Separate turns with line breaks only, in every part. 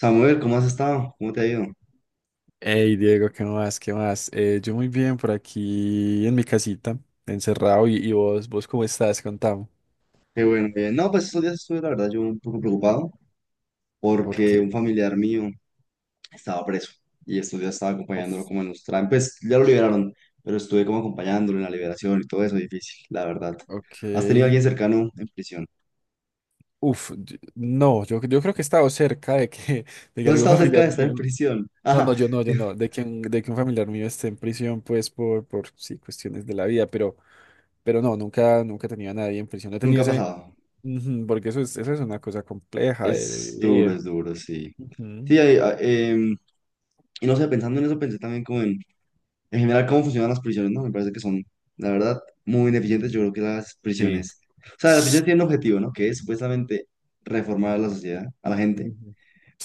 Samuel, ¿cómo has estado? ¿Cómo te ha ido?
Hey Diego, ¿qué más? ¿Qué más? Yo muy bien por aquí en mi casita, encerrado. ¿Y vos cómo estás? Contame.
Qué bueno, bien. No, pues estos días estuve, la verdad, yo un poco preocupado porque
Porque.
un familiar mío estaba preso y estos días estaba acompañándolo
Uf.
como en los trámites. Pues ya lo liberaron, pero estuve como acompañándolo en la liberación y todo eso, difícil, la verdad. ¿Has tenido a
Ok.
alguien cercano en prisión?
Uf, no, yo creo que he estado cerca de que, de que
¿Tú has
algún
estado cerca
familiar
de estar en
mío.
prisión?
No, no,
Ajá,
yo no, yo
digo,
no, de que un familiar mío esté en prisión, pues por, sí, cuestiones de la vida, pero no, nunca he tenido a nadie en prisión. No he tenido
nunca ha
ese.
pasado.
Ujú, porque eso es una cosa compleja de vivir.
Es duro, sí.
Ujú.
Sí, y no sé, pensando en eso, pensé también como en general cómo funcionan las prisiones, ¿no? Me parece que son, la verdad, muy ineficientes. Yo creo que las
Sí.
prisiones, o sea, las prisiones tienen un objetivo, ¿no? Que es supuestamente reformar a la sociedad, a la gente,
Ujú.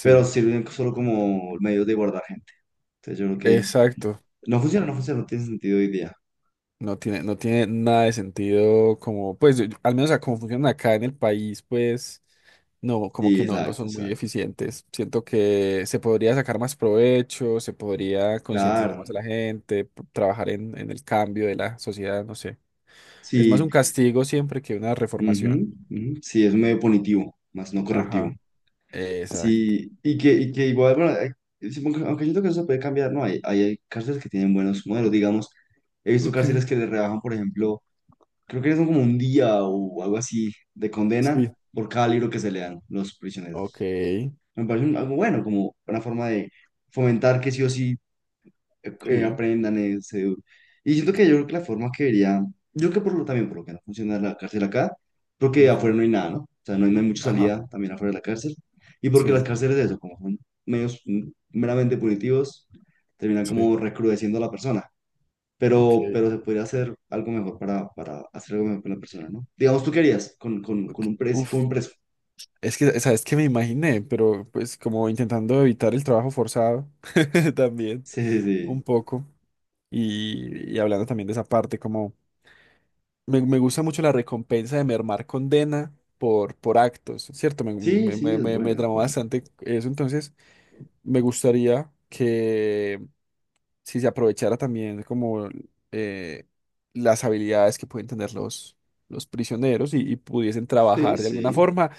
pero sirven solo como medios de guardar gente. Entonces yo creo que
Exacto.
no funciona, no funciona, no tiene sentido hoy día.
No tiene nada de sentido como, pues, al menos a cómo funcionan acá en el país, pues, no, como
Sí,
que no
exacto,
son muy
exacto.
eficientes. Siento que se podría sacar más provecho, se podría concientizar
Claro,
más a la gente, trabajar en el cambio de la sociedad, no sé. Es más
sí,
un castigo siempre que una
ujú,
reformación.
ujú, sí, es un medio punitivo, más no correctivo.
Ajá. Exacto.
Sí, y que igual, bueno, aunque siento que eso se puede cambiar, ¿no? Hay cárceles que tienen buenos modelos, digamos. He visto
Ok.
cárceles que le rebajan, por ejemplo, creo que son como un día o algo así de condena
Sí.
por cada libro que se lean los
Ok.
prisioneros. Me parece un- algo bueno, como una forma de fomentar que sí o sí
Sí.
aprendan eso. Y siento que yo creo que la forma que vería, yo creo que por lo también, por lo que no funciona la cárcel acá, porque afuera
Ujú.
no hay nada, ¿no? O sea, no hay, no hay mucha
Ajá.
salida también afuera de la cárcel. Y porque las
Sí.
cárceles, de eso, como son medios meramente punitivos, terminan
Sí.
como recrudeciendo a la persona.
Ok.
Pero se podría hacer algo mejor para hacer algo mejor con la persona, ¿no? Digamos, ¿tú querías con, con,
Ok.
con un preso, con
Uf.
un preso?
Es que, ¿sabes qué me imaginé? Pero pues como intentando evitar el trabajo forzado también,
Sí, sí,
un
sí.
poco. Y hablando también de esa parte, como me gusta mucho la recompensa de mermar condena por actos, ¿cierto? Me,
Sí,
me,
sí,
me,
es
me, me
buena, es
tramó
buena.
bastante eso, entonces me gustaría que si se aprovechara también como eh, las habilidades que pueden tener los prisioneros y pudiesen
Sí,
trabajar de alguna
sí.
forma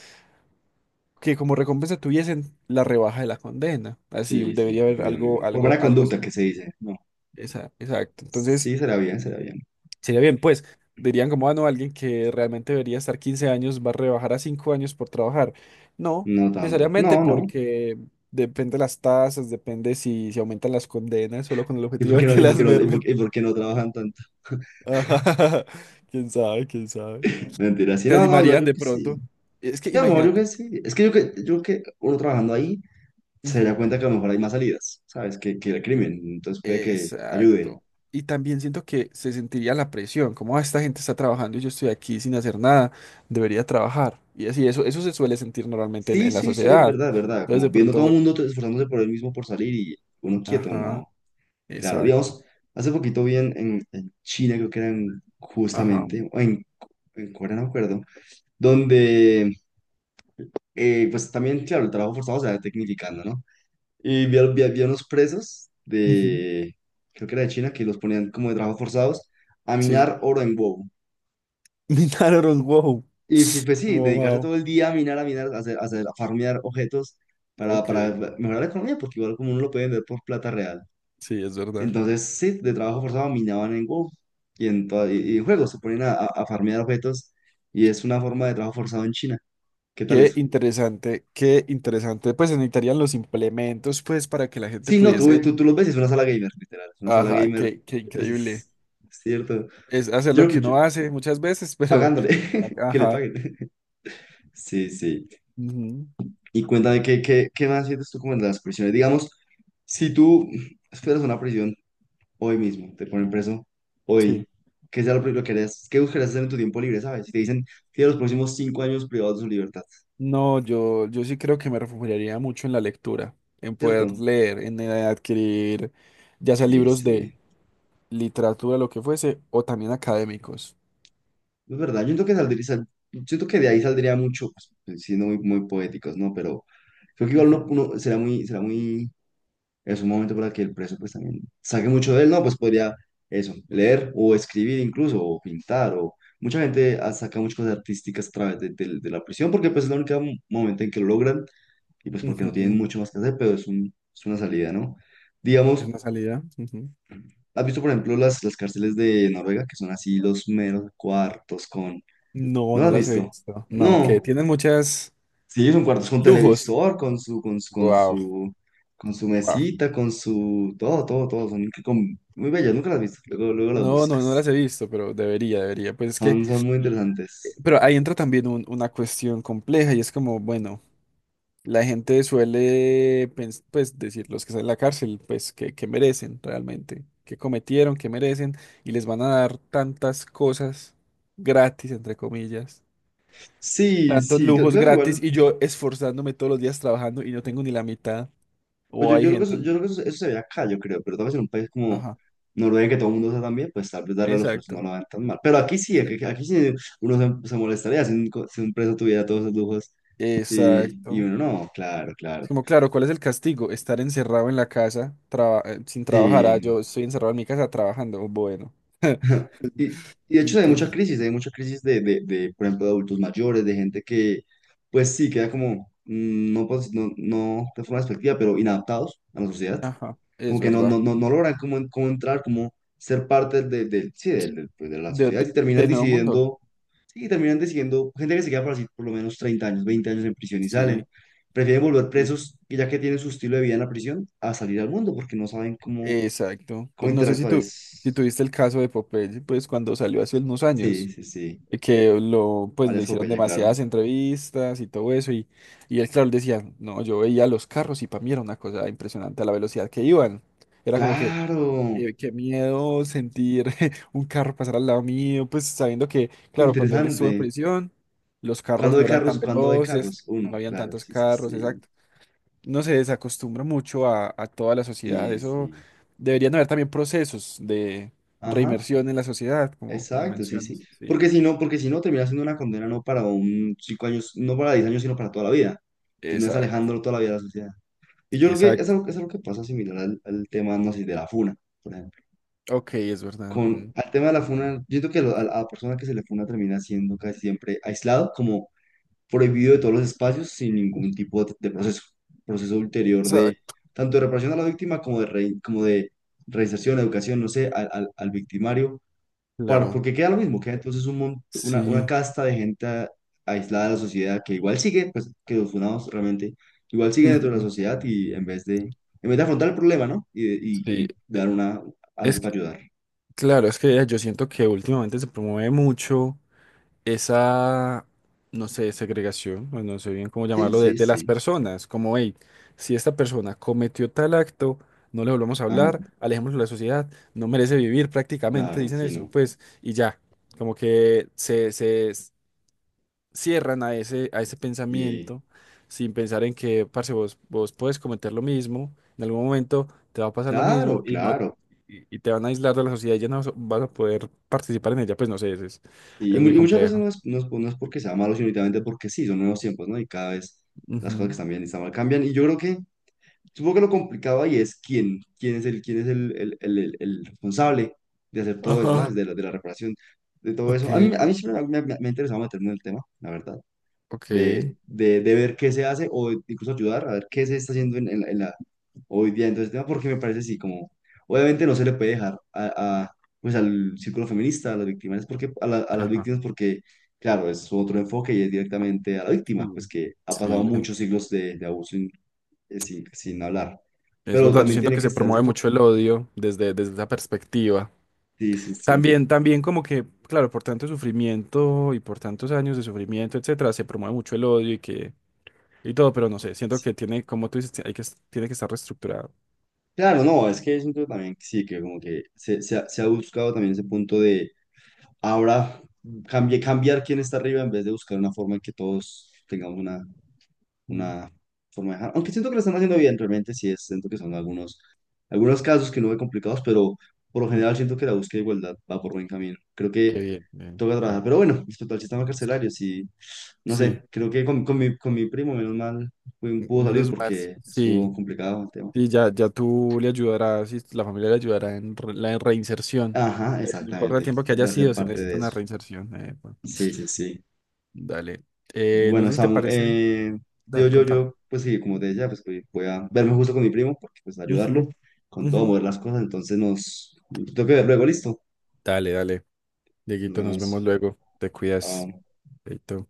que como recompensa tuviesen la rebaja de la condena. Así
Sí, sí,
debería
muy
haber
bien, muy
algo,
bien. Por
algo,
buena
algo
conducta que
similar.
se dice, ¿no?
Exacto. Entonces,
Sí, será bien, será bien.
sería bien, pues, dirían como, ah, no, alguien que realmente debería estar 15 años va a rebajar a 5 años por trabajar. No,
No tanto. No,
necesariamente
no.
porque depende las tasas, depende si se aumentan las condenas, solo con el
¿Y
objetivo
por qué
de
no,
que
y por qué
las
no,
mermen.
y por qué no trabajan tanto?
Ajá. Quién sabe, quién sabe.
Mentira, sí,
Se
no, no, igual
animarían
yo
de
que sí.
pronto. Es que
Yo, a lo mejor yo que
imagínate.
sí. Es que yo que, yo que uno trabajando ahí se
Ujú.
da cuenta que a lo mejor hay más salidas, ¿sabes? Que el crimen. Entonces puede que ayude.
Exacto. Y también siento que se sentiría la presión, como "Ah, esta gente está trabajando y yo estoy aquí sin hacer nada, debería trabajar". Y así, eso se suele sentir normalmente en,
Sí,
en la
sí, sí, es
sociedad.
verdad, es verdad.
Entonces
Como
de
viendo todo el
pronto,
mundo t- esforzándose por él mismo por salir y uno quieto,
ajá,
no. Claro,
exacto,
digamos, hace poquito vi en, en China, creo que era en-
ajá,
justamente, o en Corea, no me acuerdo, donde pues también, claro, el trabajo forzado se va tecnificando, ¿no? Y vi a unos presos
ujú,
de, creo que era de China, que los ponían como de trabajo forzados a
sí.
minar oro en huevo.
Minotaurus, wow.
Y fi- pues sí,
Wow,
dedicarse
wow.
todo el día a minar, a minar, a hacer, a farmear objetos
Ok,
para mejorar la economía, porque igual como uno lo puede vender por plata real.
sí, es verdad.
Entonces, sí, de trabajo forzado minaban en WoW y en, toda- y en juegos se ponen a, a farmear objetos y es una forma de trabajo forzado en China. ¿Qué tal
Qué
eso?
interesante, qué interesante. Pues se necesitarían los implementos, pues, para que la gente
Sí, no, tú,
pudiese,
tú, tú los ves, y es una sala gamer, literal. Es una sala
ajá,
gamer,
qué
es,
increíble.
es- cierto.
Es hacer lo
Yo
que
creo que yo-
uno hace muchas veces, pero,
Pagándole, que le
ajá,
paguen. Sí, sí.
ujú,
Y cuéntame, ¿qué más sientes tú como en las prisiones? Digamos, si tú esperas una prisión hoy mismo, te ponen preso
sí.
hoy, ¿qué sea lo primero que harías? ¿Qué buscarías hacer en tu tiempo libre, sabes? Si te dicen, tienes los próximos 5 años privados de su libertad,
No, yo sí creo que me refugiaría mucho en la lectura, en poder
¿cierto?
leer, en adquirir ya sea
Sí,
libros de
sí.
literatura, lo que fuese, o también académicos.
Es verdad, yo siento que saldría, sal- siento que de ahí saldría mucho, pues, siendo muy, muy poéticos, ¿no? Pero creo que igual
Ujú,
uno, uno será muy, es un momento para que el preso pues también saque mucho de él, ¿no? Pues podría eso, leer o escribir incluso, o pintar, o mucha gente saca muchas cosas artísticas a través de, de la prisión, porque pues es el único momento en que lo logran, y pues porque no tienen
ujú.
mucho más que hacer, pero es un, es una salida, ¿no?
Es
Digamos,
una salida. Ujú.
¿has visto por ejemplo las, cárceles de Noruega, que son así los meros cuartos?
No,
¿No la
no
has
las he
visto?
visto. No, que
No.
tienen muchas
Sí, es un cuarto, es un
lujos.
televisor con su,
Wow,
con su
wow.
mesita, con su, todo, todo, todo. Son muy bellas, nunca las has visto. Luego, luego las
No, no, no las
buscas.
he visto, pero debería, debería. Pues es que,
Son, son muy interesantes.
pero ahí entra también una cuestión compleja y es como, bueno. La gente suele, pues, decir los que están en la cárcel, pues, que merecen realmente, que cometieron, que merecen, y les van a dar tantas cosas gratis, entre comillas,
Sí,
tantos
sí, creo,
lujos
creo que igual.
gratis, y yo esforzándome todos los días trabajando y no tengo ni la mitad.
Pues
O
yo,
hay
yo creo que, eso,
gente,
yo creo que eso se ve acá, yo creo, pero tal vez en un país como
ajá,
Noruega, que todo el mundo usa también, pues tal vez darle a los presos no
exacto,
lo vean tan mal. Pero aquí sí, aquí,
exacto.
aquí sí uno se molestaría si un, si un preso tuviera todos esos lujos y
Exacto.
uno no, claro,
Es
claro.
como, claro, ¿cuál es el castigo? Estar encerrado en la casa sin trabajar. Ah,
Sí.
yo estoy encerrado en mi casa trabajando. Bueno.
Y, y de hecho hay mucha
Entonces,
crisis, hay mucha crisis de, por ejemplo, de adultos mayores, de gente que, pues sí, queda como, no, pues, no, no de forma despectiva, pero inadaptados a la sociedad,
ajá, es
como que no,
verdad.
logran cómo, en- cómo entrar, cómo ser parte del, sí, del, pues, de la sociedad y terminan
Del Nuevo Mundo.
decidiendo, sí, terminan decidiendo, gente que se queda por así por lo menos 30 años, 20 años en prisión y salen,
Sí,
prefieren volver
sí,
presos, y ya que tienen su estilo de vida en la prisión, a salir al mundo porque no saben cómo,
exacto.
cómo
No sé si
interactuar.
tú, si tuviste el caso de Popeye, pues cuando salió hace unos
Sí,
años,
sí, sí,
que lo, pues
vale, es
le hicieron
epopeya, claro.
demasiadas entrevistas y todo eso, y él, claro, él decía, no, yo veía los carros y para mí era una cosa impresionante a la velocidad que iban. Era como que,
Claro,
qué miedo sentir un carro pasar al lado mío, pues sabiendo que, claro, cuando él estuvo en
interesante.
prisión, los carros
¿Cuándo
no
de
eran
carros?
tan
¿Cuándo de
veloces,
carros? Uno,
no habían
claro,
tantos
sí, sí,
carros,
sí.
exacto. No se desacostumbra mucho a toda la sociedad.
Sí,
Eso
sí.
deberían haber también procesos de
Ajá,
reinmersión en la sociedad, como,
exacto, sí, sí.
mencionas. Sí,
Porque si no, terminas siendo una condena no para un 5 años, no para 10 años, sino para toda la vida. Terminas
exacto,
alejándolo toda la vida de la sociedad. Y yo creo que
exacto.
es algo que pasa similar al, al tema, no sé, de la funa, por ejemplo.
Ok, es verdad.
Con,
Mm.
al tema de la funa, yo creo que lo- a la persona que se le funa termina siendo casi siempre aislado, como prohibido de todos los espacios sin ningún tipo de proceso, proceso ulterior de
Exacto.
tanto de reparación a la víctima como de, re- como de reinserción, educación, no sé, al, al victimario, para,
Claro,
porque queda lo mismo, queda entonces un mont- una
sí.
casta de gente aislada de la sociedad que igual sigue, pues que los funados realmente igual siguen dentro de la
Ujú.
sociedad y en vez de afrontar el problema, ¿no? Y, y,
Sí,
y dar una,
es
algo para
que,
ayudar.
claro, es que yo siento que últimamente se promueve mucho esa, no sé, segregación, o no sé bien cómo
Sí,
llamarlo, de,
sí,
de las
sí.
personas, como, hey, si esta persona cometió tal acto, no le volvamos a
Ajá,
hablar, alejémoslo de la sociedad, no merece vivir prácticamente,
claro,
dicen
sí,
eso,
no.
pues, y ya, como que cierran a ese
Y
pensamiento sin pensar en que, parce, vos puedes cometer lo mismo, en algún momento te va a pasar lo mismo
claro,
y no...
claro.
Y te van a aislar de la sociedad y ya no vas a poder participar en ella, pues no sé, es
Y,
es muy
y muchas veces
complejo.
no es, no es porque sea malo, sino únicamente porque sí, son nuevos tiempos, ¿no? Y cada vez las cosas que
Ujú.
están bien y están mal cambian. Y yo creo que, supongo que lo complicado ahí es quién, quién es el, el responsable de hacer todo eso,
Ajá.
¿sabes? De la reparación, de todo
Ok,
eso. A mí siempre me ha interesado meterme en el tema, la verdad,
ok.
de, de ver qué se hace o incluso ayudar a ver qué se está haciendo en hoy día en todo este tema, porque me parece así como, obviamente no se le puede dejar a, pues al círculo feminista, a las víctimas, porque, a, a las
Ajá.
víctimas, porque, claro, es otro enfoque y es directamente a la víctima, pues
Sí.
que ha pasado
Sí,
muchos siglos de abuso sin, hablar,
es
pero
verdad. Yo
también
siento
tiene
que
que
se
estar ese
promueve
enfoque.
mucho el odio desde esa perspectiva.
Sí, sí, sí.
También, también como que, claro, por tanto sufrimiento y por tantos años de sufrimiento, etcétera, se promueve mucho el odio y que y todo, pero no sé, siento que tiene, como tú dices, hay que, tiene que estar reestructurado.
Claro, no, es que es un tema también, que sí, que como que se ha buscado también ese punto de ahora cambiar quién está arriba en vez de buscar una forma en que todos tengamos
Mm.
una forma de dejar. Aunque siento que lo están haciendo bien, realmente sí es, siento que son algunos casos que no ve complicados, pero por lo
Sí.
general siento que la búsqueda de igualdad va por buen camino. Creo
Qué
que
bien. Bien,
toca trabajar. Pero bueno, respecto al sistema carcelario, sí, no
sí,
sé, creo que con, con mi primo, menos mal, pudo salir
menos mal.
porque
Sí.
estuvo complicado el tema.
Sí, ya, ya tú le ayudarás y la familia le ayudará en la reinserción.
Ajá,
No importa el
exactamente,
tiempo que haya
de hacer
sido, se
parte
necesita
de
una
eso.
reinserción. Bueno,
Sí, sí, sí.
dale. No
Bueno,
sé si te
Samu,
parece. Da,
digo yo,
contame.
pues sí, como te decía, pues voy a verme justo con mi primo, porque pues ayudarlo
Ujú,
con
ujú.
todo, mover las cosas, entonces nos, tengo que ver luego, listo,
Dale, dale.
nos
Dieguito, nos vemos
vemos.
luego. Te cuidas.
Chao.
Chaito.